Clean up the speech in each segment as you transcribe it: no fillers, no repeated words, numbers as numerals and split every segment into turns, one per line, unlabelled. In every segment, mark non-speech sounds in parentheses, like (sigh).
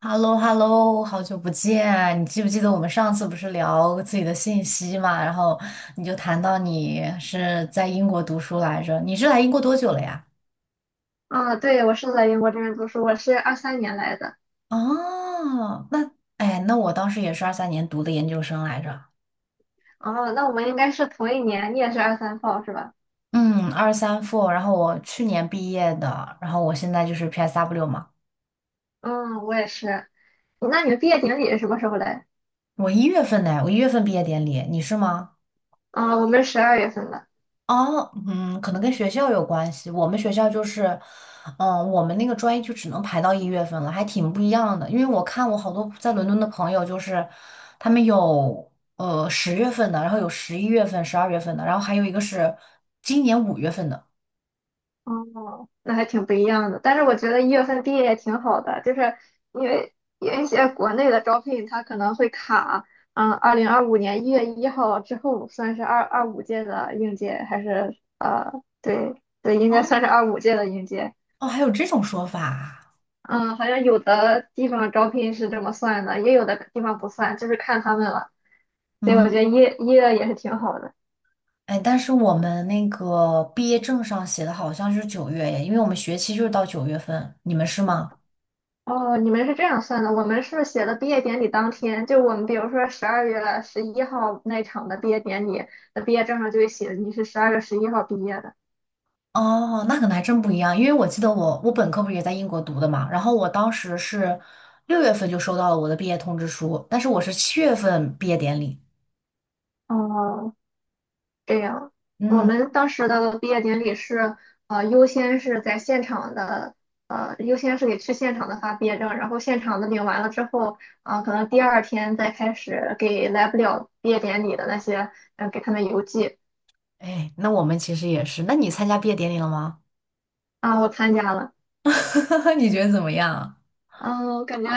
h e l l o h e l l o 好久不见！你记不记得我们上次不是聊自己的信息嘛？然后你就谈到你是在英国读书来着，你是来英国多久了呀？
嗯，对，我是在英国这边读书，我是23年来的。
哦，那哎，那我当时也是二三年读的研究生来着，
哦，那我们应该是同一年，你也是23号是吧？
嗯，二三 f 然后我去年毕业的，然后我现在就是 PSW 嘛，
嗯，我也是。那你们毕业典礼是什么时候来？
我一月份呢，我一月份毕业典礼，你是吗？
啊、我们12月份的。
哦，嗯，可能跟学校有关系。我们学校就是，嗯，我们那个专业就只能排到一月份了，还挺不一样的。因为我看我好多在伦敦的朋友，就是他们有十月份的，然后有十一月份、十二月份的，然后还有一个是今年五月份的。
哦，那还挺不一样的。但是我觉得1月份毕业也挺好的，就是因为有一些国内的招聘它可能会卡，嗯，2025年1月1号之后算是二二五届的应届，还是对对，应该
哦
算是二五届的应届。
哦，还有这种说法啊。
嗯，好像有的地方招聘是这么算的，也有的地方不算，就是看他们了。所以我觉
嗯，
得一月也是挺好的。
哎，但是我们那个毕业证上写的好像是九月耶，因为我们学期就是到九月份，你们是吗？
哦，你们是这样算的，我们是写的毕业典礼当天，就我们比如说十二月十一号那场的毕业典礼。那毕业证上就会写你是十二月十一号毕业的。
哦，那可能还真不一样，因为我记得我本科不是也在英国读的嘛，然后我当时是六月份就收到了我的毕业通知书，但是我是七月份毕业典礼。
哦，这样，我
嗯，
们当时的毕业典礼是，优先是在现场的，优先是给去现场的发毕业证，然后现场的领完了之后，啊、可能第二天再开始给来不了毕业典礼的那些，给他们邮寄。
哎，那我们其实也是。那你参加毕业典礼了吗？
啊、我参加了，
(laughs) 你觉得怎么样？
嗯、我感觉，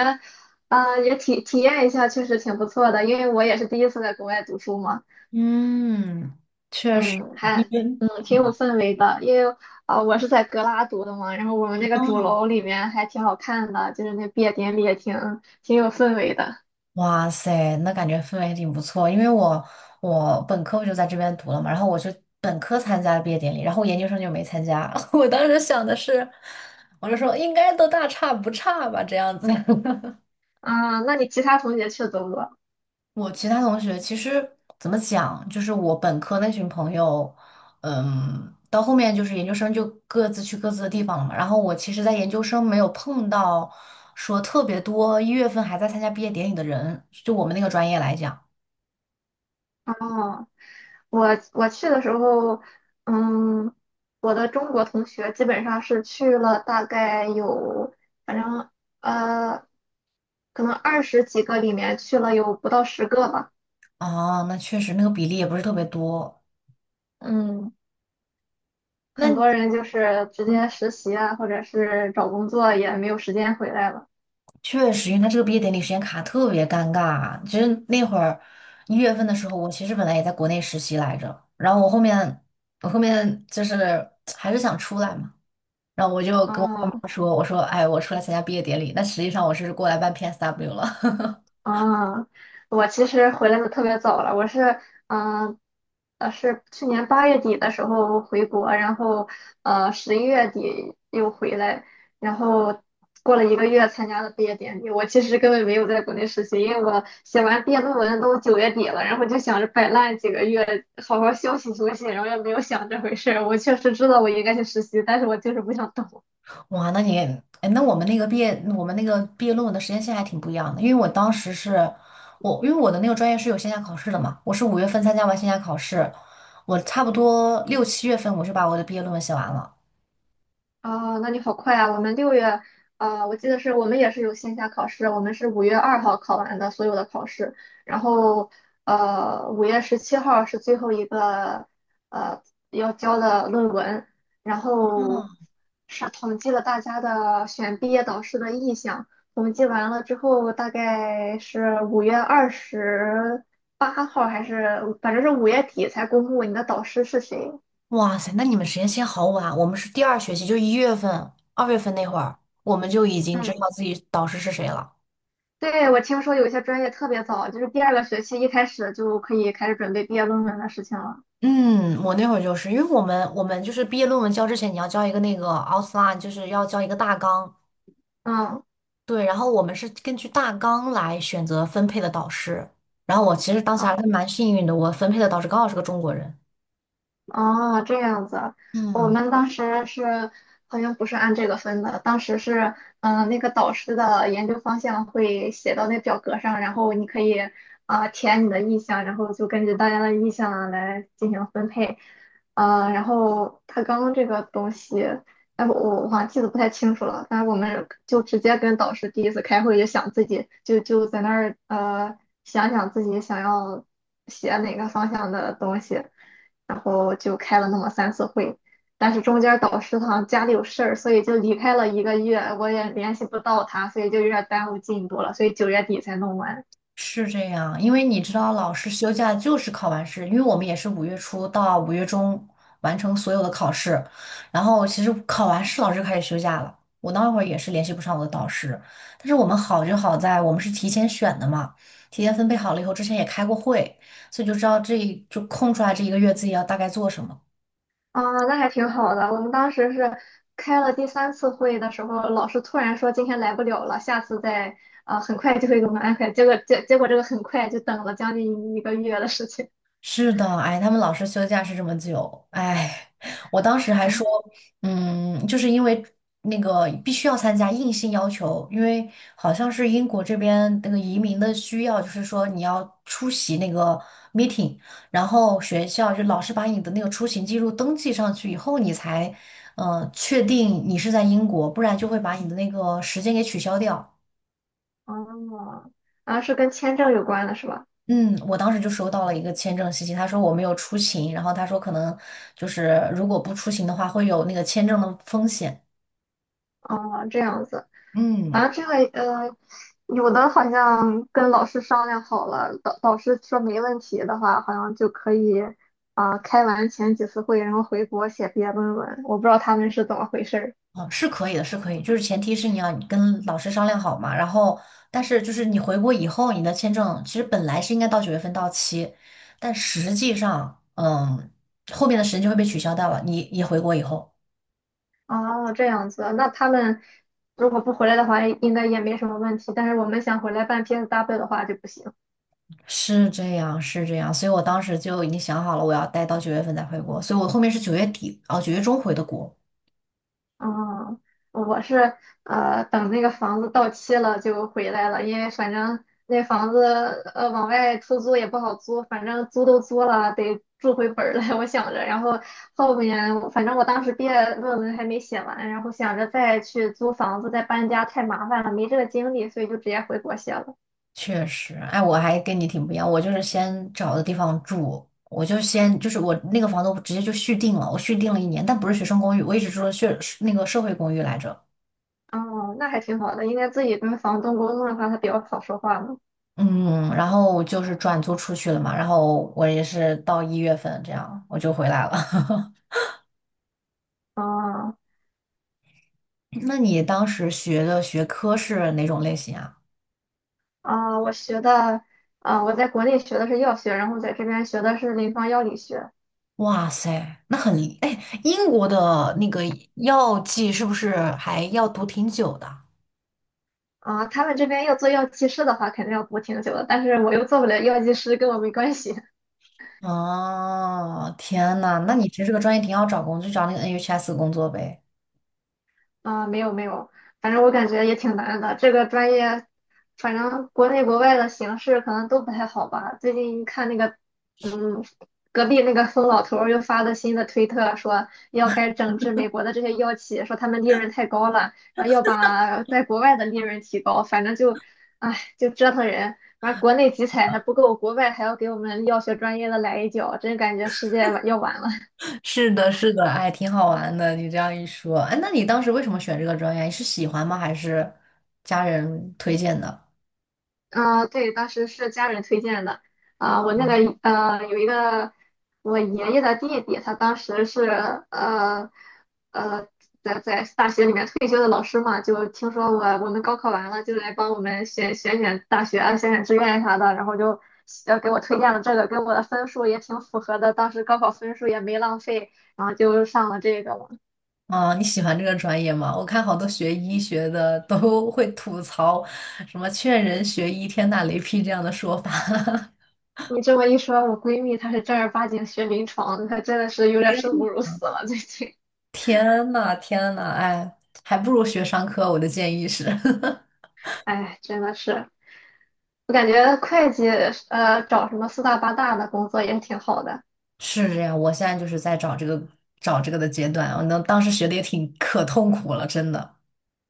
啊、也体验一下，确实挺不错的，因为我也是第一次在国外读书嘛。
嗯，确实。
嗯，
你
还
觉得？
挺有氛围的，因为啊、我是在格拉读的嘛，然后我们那个主
哦，
楼里面还挺好看的，就是那毕业典礼也挺有氛围的。
哇塞，那感觉氛围挺不错，因为我本科我就在这边读了嘛，然后我是本科参加了毕业典礼，然后研究生就没参加。(laughs) 我当时想的是，我就说应该都大差不差吧，这样子。(laughs)
啊，那你其他同学去的多不多？
我其他同学其实怎么讲，就是我本科那群朋友，嗯，到后面就是研究生就各自去各自的地方了嘛。然后我其实，在研究生没有碰到说特别多一月份还在参加毕业典礼的人，就我们那个专业来讲。
哦，我我去的时候，嗯，我的中国同学基本上是去了大概有，反正呃，可能20几个里面去了有不到10个吧。
哦，那确实那个比例也不是特别多。
嗯。
那
很
你
多人就是直
嗯
接实习啊，或者是找工作也没有时间回来了。
确实，因为他这个毕业典礼时间卡特别尴尬。其实那会儿一月份的时候，我其实本来也在国内实习来着，然后我后面就是还是想出来嘛，然后我就跟我爸
哦，
妈说，我说哎，我出来参加毕业典礼，但实际上我是过来办 PSW 了。(laughs)
啊，我其实回来的特别早了，我是嗯是去年8月底的时候回国，然后11月底又回来，然后过了一个月参加了毕业典礼。我其实根本没有在国内实习，因为我写完毕业论文都九月底了，然后就想着摆烂几个月，好好休息休息，然后也没有想这回事儿。我确实知道我应该去实习，但是我就是不想动。
哇，那你，哎，那我们那个毕业，我们那个毕业论文的时间线还挺不一样的，因为我当时是，我因为我的那个专业是有线下考试的嘛，我是五月份参加完线下考试，我差不多六七月份我就把我的毕业论文写完了。
啊，那你好快啊！我们6月，啊，我记得是我们也是有线下考试，我们是5月2号考完的所有的考试，然后5月17号是最后一个呃要交的论文，然后是统计了大家的选毕业导师的意向，统计完了之后，大概是5月28号还是反正是5月底才公布你的导师是谁。
哇塞，那你们时间线好晚啊，我们是第二学期，就一月份、二月份那会儿，我们就已经知
嗯。
道自己导师是谁了。
对，我听说有一些专业特别早，就是第二个学期一开始就可以开始准备毕业论文的事情了。
嗯，我那会儿就是因为我们就是毕业论文交之前，你要交一个那个 outline，就是要交一个大纲，
嗯，
对，然后我们是根据大纲来选择分配的导师。然后我其实当时还
啊。
是蛮幸运的，我分配的导师刚好是个中国人。
哦，这样子，我
嗯，
们当时是好像不是按这个分的，当时是那个导师的研究方向会写到那表格上，然后你可以啊、填你的意向，然后就根据大家的意向来进行分配，然后他刚这个东西，哎，我好像记得不太清楚了，但是我们就直接跟导师第一次开会就想自己就在那儿想想自己想要写哪个方向的东西。然后就开了那么三次会，但是中间导师好像家里有事儿，所以就离开了一个月，我也联系不到他，所以就有点耽误进度了，所以九月底才弄完。
是这样，因为你知道，老师休假就是考完试，因为我们也是五月初到五月中完成所有的考试，然后其实考完试老师就开始休假了。我那会儿也是联系不上我的导师，但是我们好就好在我们是提前选的嘛，提前分配好了以后，之前也开过会，所以就知道这就空出来这一个月自己要大概做什么。
啊，那还挺好的。我们当时是开了第三次会的时候，老师突然说今天来不了了，下次再啊、很快就会给我们安排。结果这个很快就等了将近一个月的事情。
是的，哎，他们老师休假是这么久，哎，我当时还说，
哎，
嗯，就是因为那个必须要参加，硬性要求，因为好像是英国这边那个移民的需要，就是说你要出席那个 meeting，然后学校就老师把你的那个出行记录登记上去以后，你才，确定你是在英国，不然就会把你的那个时间给取消掉。
哦，啊，是跟签证有关的是吧？
嗯，我当时就收到了一个签证信息，他说我没有出勤，然后他说可能就是如果不出勤的话，会有那个签证的风险。
哦，这样子。
嗯，
反正这个有的好像跟老师商量好了，导师说没问题的话，好像就可以啊、开完前几次会，然后回国写毕业论文。我不知道他们是怎么回事儿。
哦，是可以的，是可以，就是前提是你要跟老师商量好嘛，然后但是就是你回国以后，你的签证其实本来是应该到九月份到期，但实际上，嗯，后面的时间就会被取消掉了，你回国以后。
哦，这样子，那他们如果不回来的话，应该也没什么问题。但是我们想回来办 PSW 的话就不行。
是这样，是这样，所以我当时就已经想好了，我要待到九月份再回国，所以我后面是九月底，哦，九月中回的国。
嗯，我是等那个房子到期了就回来了，因为反正那房子往外出租也不好租，反正租都租了，得住回本儿来，(laughs) 我想着。然后后面我反正我当时毕业论文还没写完，然后想着再去租房子再搬家太麻烦了，没这个精力，所以就直接回国写了。
确实，哎，我还跟你挺不一样，我就是先找的地方住，我就先就是我那个房东直接就续订了，我续订了一年，但不是学生公寓，我一直住的社那个社会公寓来着，
哦，那还挺好的，应该自己跟房东沟通的话，他比较好说话嘛。
嗯，然后就是转租出去了嘛，然后我也是到一月份这样我就回来了。
哦。
(laughs) 那你当时学的学科是哪种类型啊？
啊、我学的，啊、我在国内学的是药学，然后在这边学的是临床药理学。
哇塞，那很，哎，英国的那个药剂是不是还要读挺久的？
啊、他们这边要做药剂师的话，肯定要读挺久的，但是我又做不了药剂师，跟我没关系。
哦，天呐，那你其实这个专业挺好找工作，就找那个 NHS 工作呗。
啊、没有没有，反正我感觉也挺难的。这个专业，反正国内国外的形势可能都不太好吧。最近看那个，嗯，隔壁那个疯老头儿又发了新的推特，说要开始整治美国的这些药企，说他们利润太高了，然后要把在国外的利润提高。反正就，唉，就折腾人。完，国内集采还不够，国外还要给我们药学专业的来一脚，真感觉世界要完了。
(laughs) 是的，是的。哎，挺好玩的，你这样一说，哎，那你当时为什么选这个专业？你是喜欢吗？还是家人推荐的？
啊，对，当时是家人推荐的。啊、我那个有一个我爷爷的弟弟，他当时是呃呃在大学里面退休的老师嘛，就听说我们高考完了，就来帮我们选选大学啊，选选志愿啥的，然后就给我推荐了这个，跟我的分数也挺符合的，当时高考分数也没浪费，然后就上了这个了。
啊，你喜欢这个专业吗？我看好多学医学的都会吐槽什么“劝人学医，天打雷劈”这样的说法。
你这么一说，我闺蜜她是正儿八经学临床的，她真的是有点生不
(laughs)
如死了，最近。
天呐，天呐，哎，还不如学商科，我的建议是。(laughs)
哎，真的是，我感觉会计找什么四大八大的工作也是挺好的。
是这样，我现在就是在找这个的阶段，我能当时学的也挺可痛苦了，真的。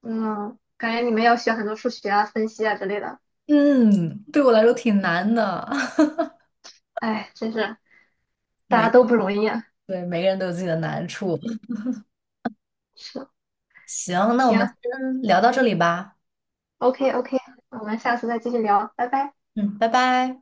嗯，感觉你们要学很多数学啊、分析啊之类的。
嗯，对我来说挺难的，(laughs)
哎，真是大家
每
都不容易啊。
对每个人都有自己的难处。
是，
行，那我们今
行
天聊到这里吧。
，OK OK，我们下次再继续聊，拜拜。
嗯，拜拜。